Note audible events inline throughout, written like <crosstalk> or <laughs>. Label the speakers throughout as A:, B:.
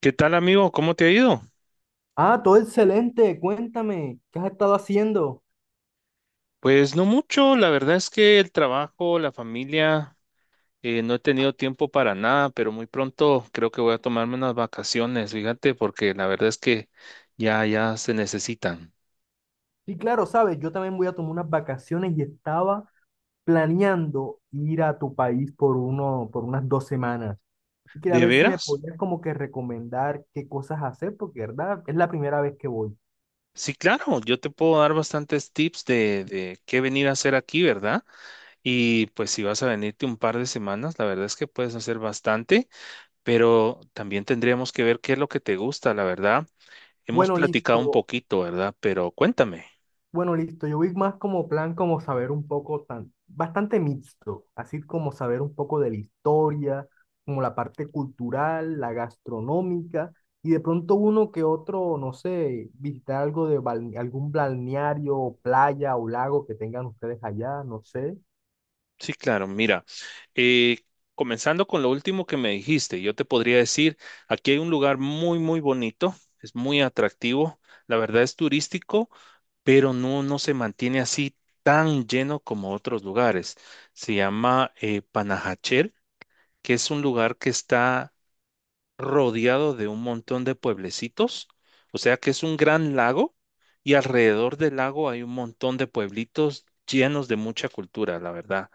A: ¿Qué tal, amigo? ¿Cómo te ha ido?
B: Ah, todo excelente. Cuéntame, ¿qué has estado haciendo?
A: Pues no mucho, la verdad es que el trabajo, la familia, no he tenido tiempo para nada, pero muy pronto creo que voy a tomarme unas vacaciones, fíjate, porque la verdad es que ya, ya se necesitan.
B: Sí, claro, sabes, yo también voy a tomar unas vacaciones y estaba planeando ir a tu país por uno, por unas dos semanas. Y quería
A: ¿De
B: ver si me
A: veras?
B: podías como que recomendar qué cosas hacer, porque verdad, es la primera vez que voy.
A: Sí, claro, yo te puedo dar bastantes tips de qué venir a hacer aquí, ¿verdad? Y pues si vas a venirte un par de semanas, la verdad es que puedes hacer bastante, pero también tendríamos que ver qué es lo que te gusta, la verdad. Hemos
B: Bueno,
A: platicado un
B: listo.
A: poquito, ¿verdad? Pero cuéntame.
B: Bueno, listo. Yo vi más como plan, como saber un poco tan, bastante mixto, así como saber un poco de la historia, como la parte cultural, la gastronómica, y de pronto uno que otro, no sé, visitar algo de algún balneario, playa o lago que tengan ustedes allá, no sé.
A: Sí, claro, mira, eh, comenzando con lo último que me dijiste, yo te podría decir, aquí hay un lugar muy, muy bonito, es muy atractivo, la verdad es turístico, pero no, no se mantiene así tan lleno como otros lugares. Se llama Panajachel, que es un lugar que está rodeado de un montón de pueblecitos, o sea que es un gran lago y alrededor del lago hay un montón de pueblitos llenos de mucha cultura, la verdad.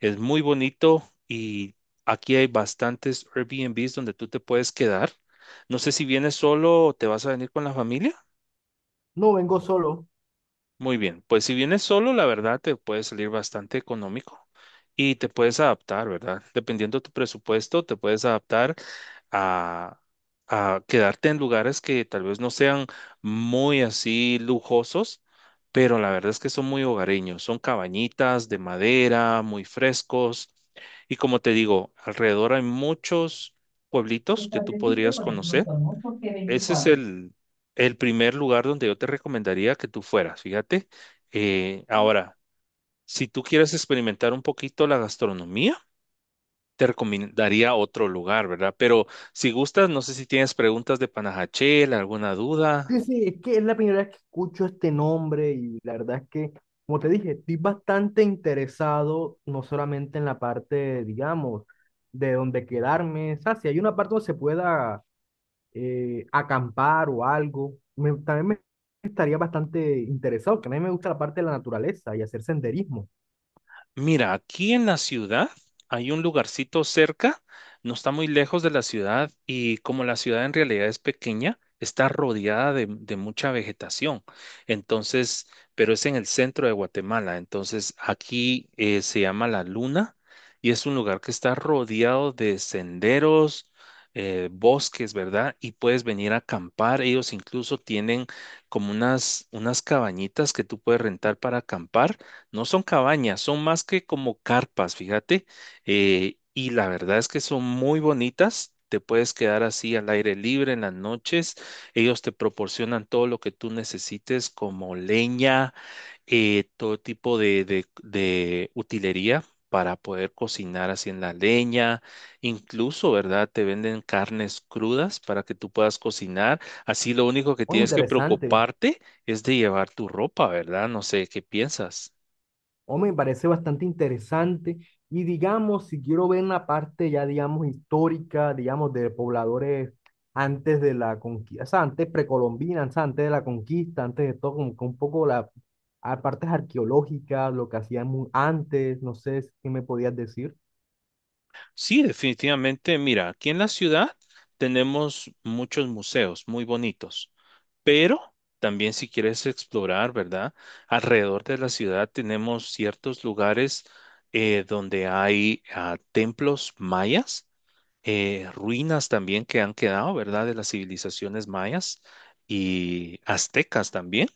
A: Es muy bonito y aquí hay bastantes Airbnbs donde tú te puedes quedar. No sé si vienes solo o te vas a venir con la familia.
B: No vengo solo.
A: Muy bien, pues si vienes solo, la verdad te puede salir bastante económico y te puedes adaptar, ¿verdad? Dependiendo de tu presupuesto, te puedes adaptar a, a quedarte en lugares que tal vez no sean muy así lujosos, pero la verdad es que son muy hogareños, son cabañitas de madera, muy frescos. Y como te digo, alrededor hay muchos pueblitos que tú podrías conocer. Ese es el primer lugar donde yo te recomendaría que tú fueras, fíjate. Ahora, si tú quieres experimentar un poquito la gastronomía, te recomendaría otro lugar, ¿verdad? Pero si gustas, no sé si tienes preguntas de Panajachel, alguna
B: Sí,
A: duda.
B: sí, es que es la primera vez que escucho este nombre y la verdad es que, como te dije, estoy bastante interesado no solamente en la parte, digamos, de donde quedarme, o sea, si hay una parte donde se pueda acampar o algo, también me estaría bastante interesado, que a mí me gusta la parte de la naturaleza y hacer senderismo.
A: Mira, aquí en la ciudad hay un lugarcito cerca, no está muy lejos de la ciudad y como la ciudad en realidad es pequeña, está rodeada de mucha vegetación. Entonces, pero es en el centro de Guatemala. Entonces, aquí se llama La Luna y es un lugar que está rodeado de senderos, bosques, ¿verdad? Y puedes venir a acampar. Ellos incluso tienen como unas cabañitas que tú puedes rentar para acampar no son cabañas, son más que como carpas, fíjate. Y la verdad es que son muy bonitas. Te puedes quedar así al aire libre en las noches. Ellos te proporcionan todo lo que tú necesites, como leña, todo tipo de utilería para poder cocinar así en la leña. Incluso, ¿verdad? Te venden carnes crudas para que tú puedas cocinar. Así lo único que
B: Muy
A: tienes que
B: interesante.
A: preocuparte es de llevar tu ropa, ¿verdad? No sé qué piensas.
B: O me parece bastante interesante. Y digamos, si quiero ver la parte ya, digamos, histórica, digamos, de pobladores antes de la conquista, o sea, antes precolombinas, o sea, antes de la conquista, antes de todo, como que un poco las partes arqueológicas, lo que hacían antes, no sé si- qué me podías decir.
A: Sí, definitivamente. Mira, aquí en la ciudad tenemos muchos museos muy bonitos, pero también si quieres explorar, ¿verdad? Alrededor de la ciudad tenemos ciertos lugares donde hay templos mayas, ruinas también que han quedado, ¿verdad? De las civilizaciones mayas y aztecas también.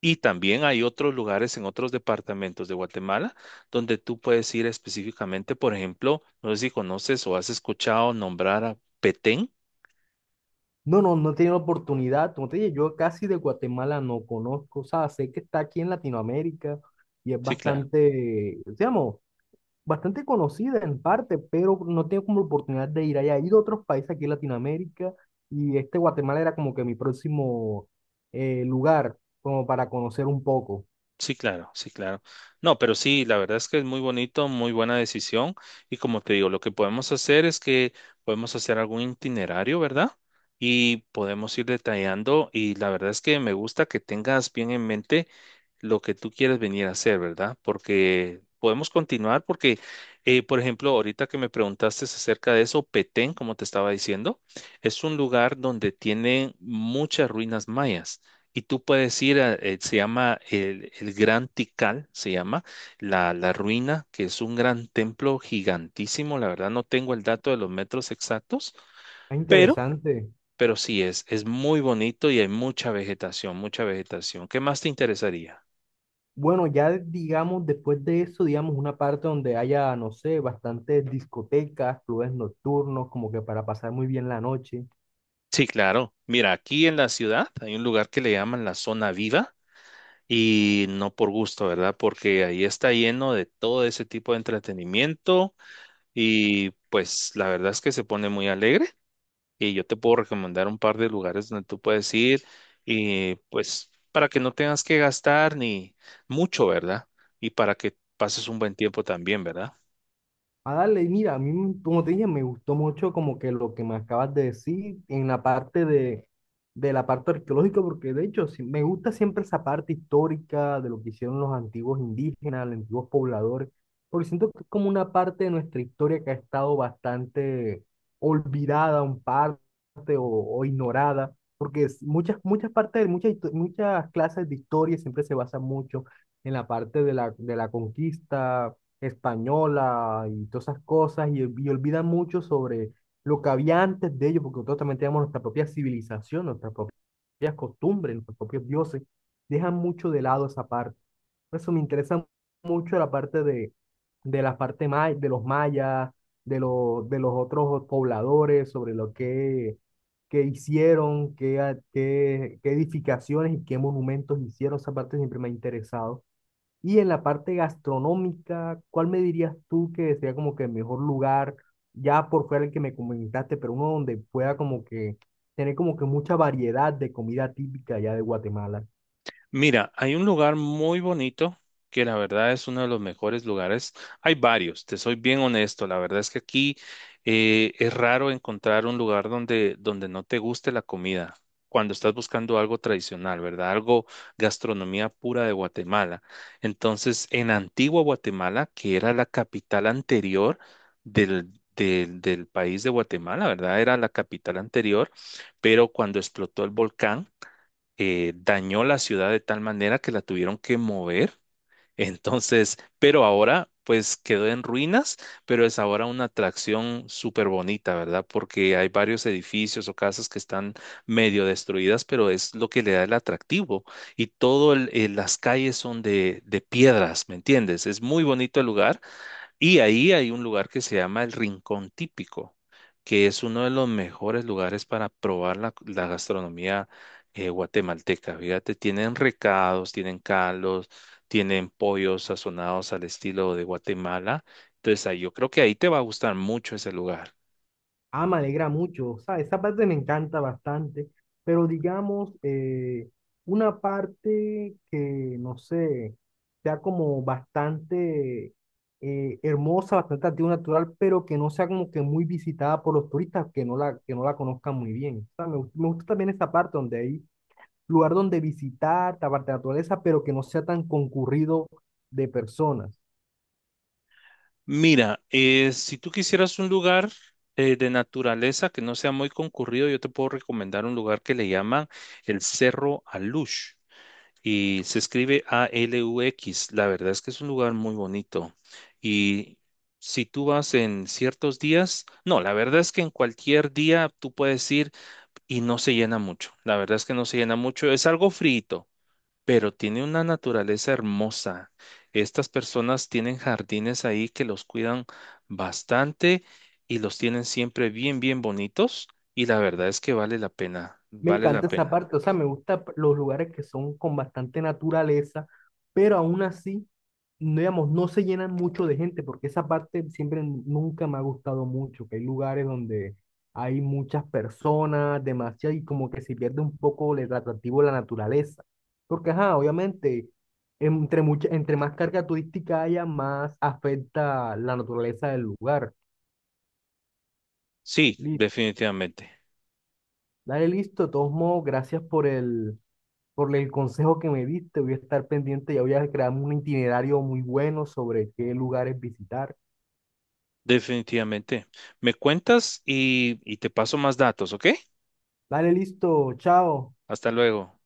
A: Y también hay otros lugares en otros departamentos de Guatemala donde tú puedes ir específicamente, por ejemplo, no sé si conoces o has escuchado nombrar a Petén.
B: No, no, no he tenido la oportunidad. Como te dije, yo casi de Guatemala no conozco, o sea, sé que está aquí en Latinoamérica y es
A: Sí, claro,
B: bastante, digamos, bastante conocida en parte, pero no tengo como oportunidad de ir allá. He ido a otros países aquí en Latinoamérica y este Guatemala era como que mi próximo lugar, como para conocer un poco.
A: sí, claro, sí, claro. No, pero sí, la verdad es que es muy bonito, muy buena decisión. Y como te digo, lo que podemos hacer es que podemos hacer algún itinerario, ¿verdad? Y podemos ir detallando. Y la verdad es que me gusta que tengas bien en mente lo que tú quieres venir a hacer, ¿verdad? Porque podemos continuar porque, por ejemplo, ahorita que me preguntaste acerca de eso, Petén, como te estaba diciendo, es un lugar donde tienen muchas ruinas mayas. Y tú puedes ir, se llama el Gran Tikal, se llama la ruina, que es un gran templo gigantísimo. La verdad no tengo el dato de los metros exactos,
B: Es
A: pero,
B: interesante.
A: pero sí es muy bonito y hay mucha vegetación, mucha vegetación. ¿Qué más te interesaría?
B: Bueno, ya digamos, después de eso, digamos, una parte donde haya, no sé, bastantes discotecas, clubes nocturnos, como que para pasar muy bien la noche.
A: Sí, claro. Mira, aquí en la ciudad hay un lugar que le llaman la zona viva y no por gusto, ¿verdad? Porque ahí está lleno de todo ese tipo de entretenimiento y pues la verdad es que se pone muy alegre y yo te puedo recomendar un par de lugares donde tú puedes ir y pues para que no tengas que gastar ni mucho, ¿verdad? Y para que pases un buen tiempo también, ¿verdad?
B: A darle, y mira, a mí, como te dije, me gustó mucho como que lo que me acabas de decir en la parte de la parte arqueológica, porque de hecho sí, me gusta siempre esa parte histórica de lo que hicieron los antiguos indígenas, los antiguos pobladores, porque siento que es como una parte de nuestra historia que ha estado bastante olvidada, un parte o ignorada, porque muchas, muchas partes, muchas, muchas clases de historia siempre se basan mucho en la parte de la conquista española y todas esas cosas, y olvidan mucho sobre lo que había antes de ellos, porque nosotros también tenemos nuestra propia civilización, nuestras propias costumbres, nuestros propios dioses, dejan mucho de lado esa parte. Por eso me interesa mucho la parte de la parte de los mayas, de los otros pobladores, sobre lo que hicieron, qué, qué, qué edificaciones y qué monumentos hicieron, esa parte siempre me ha interesado. Y en la parte gastronómica, ¿cuál me dirías tú que sería como que el mejor lugar, ya por fuera el que me comentaste, pero uno donde pueda como que tener como que mucha variedad de comida típica ya de Guatemala?
A: Mira, hay un lugar muy bonito que la verdad es uno de los mejores lugares. Hay varios, te soy bien honesto. La verdad es que aquí es raro encontrar un lugar donde, donde no te guste la comida. Cuando estás buscando algo tradicional, ¿verdad? Algo gastronomía pura de Guatemala. Entonces, en Antigua Guatemala, que era la capital anterior del país de Guatemala, ¿verdad? Era la capital anterior, pero cuando explotó el volcán dañó la ciudad de tal manera que la tuvieron que mover. <laughs> Entonces, pero ahora pues quedó en ruinas, pero es ahora una atracción súper bonita, ¿verdad? Porque hay varios edificios o casas que están medio destruidas, pero es lo que le da el atractivo. Y las calles son de piedras, ¿me entiendes? Es muy bonito el lugar y ahí hay un lugar que se llama el Rincón Típico, que es uno de los mejores lugares para probar la gastronomía guatemalteca. Fíjate, tienen recados, tienen caldos, tienen pollos sazonados al estilo de Guatemala. Entonces, ahí, yo creo que ahí te va a gustar mucho ese lugar.
B: Ah, me alegra mucho. O sea, esa parte me encanta bastante, pero digamos, una parte que, no sé, sea como bastante hermosa, bastante atractiva, natural, pero que no sea como que muy visitada por los turistas que no la conozcan muy bien. O sea, me gusta también esta parte donde hay lugar donde visitar, esta parte de la naturaleza, pero que no sea tan concurrido de personas.
A: Mira, si tú quisieras un lugar de naturaleza que no sea muy concurrido, yo te puedo recomendar un lugar que le llaman el Cerro Alush. Y se escribe a Alux. La verdad es que es un lugar muy bonito. Y si tú vas en ciertos días, no, la verdad es que en cualquier día tú puedes ir y no se llena mucho. La verdad es que no se llena mucho. Es algo frito, pero tiene una naturaleza hermosa. Estas personas tienen jardines ahí que los cuidan bastante y los tienen siempre bien, bien bonitos. Y la verdad es que vale la pena,
B: Me
A: vale la
B: encanta esa
A: pena.
B: parte, o sea, me gustan los lugares que son con bastante naturaleza, pero aún así, no, digamos, no se llenan mucho de gente, porque esa parte siempre nunca me ha gustado mucho, que hay lugares donde hay muchas personas, demasiado, y como que se pierde un poco el atractivo de la naturaleza. Porque, ajá, obviamente, entre, mucha, entre más carga turística haya, más afecta la naturaleza del lugar.
A: Sí,
B: Li-
A: definitivamente.
B: Dale, listo, de todos modos, gracias por el Por el consejo que me diste, voy a estar pendiente, ya voy a crear un itinerario muy bueno sobre qué lugares visitar.
A: Definitivamente. Me cuentas y te paso más datos, ¿ok?
B: Dale, listo, chao.
A: Hasta luego.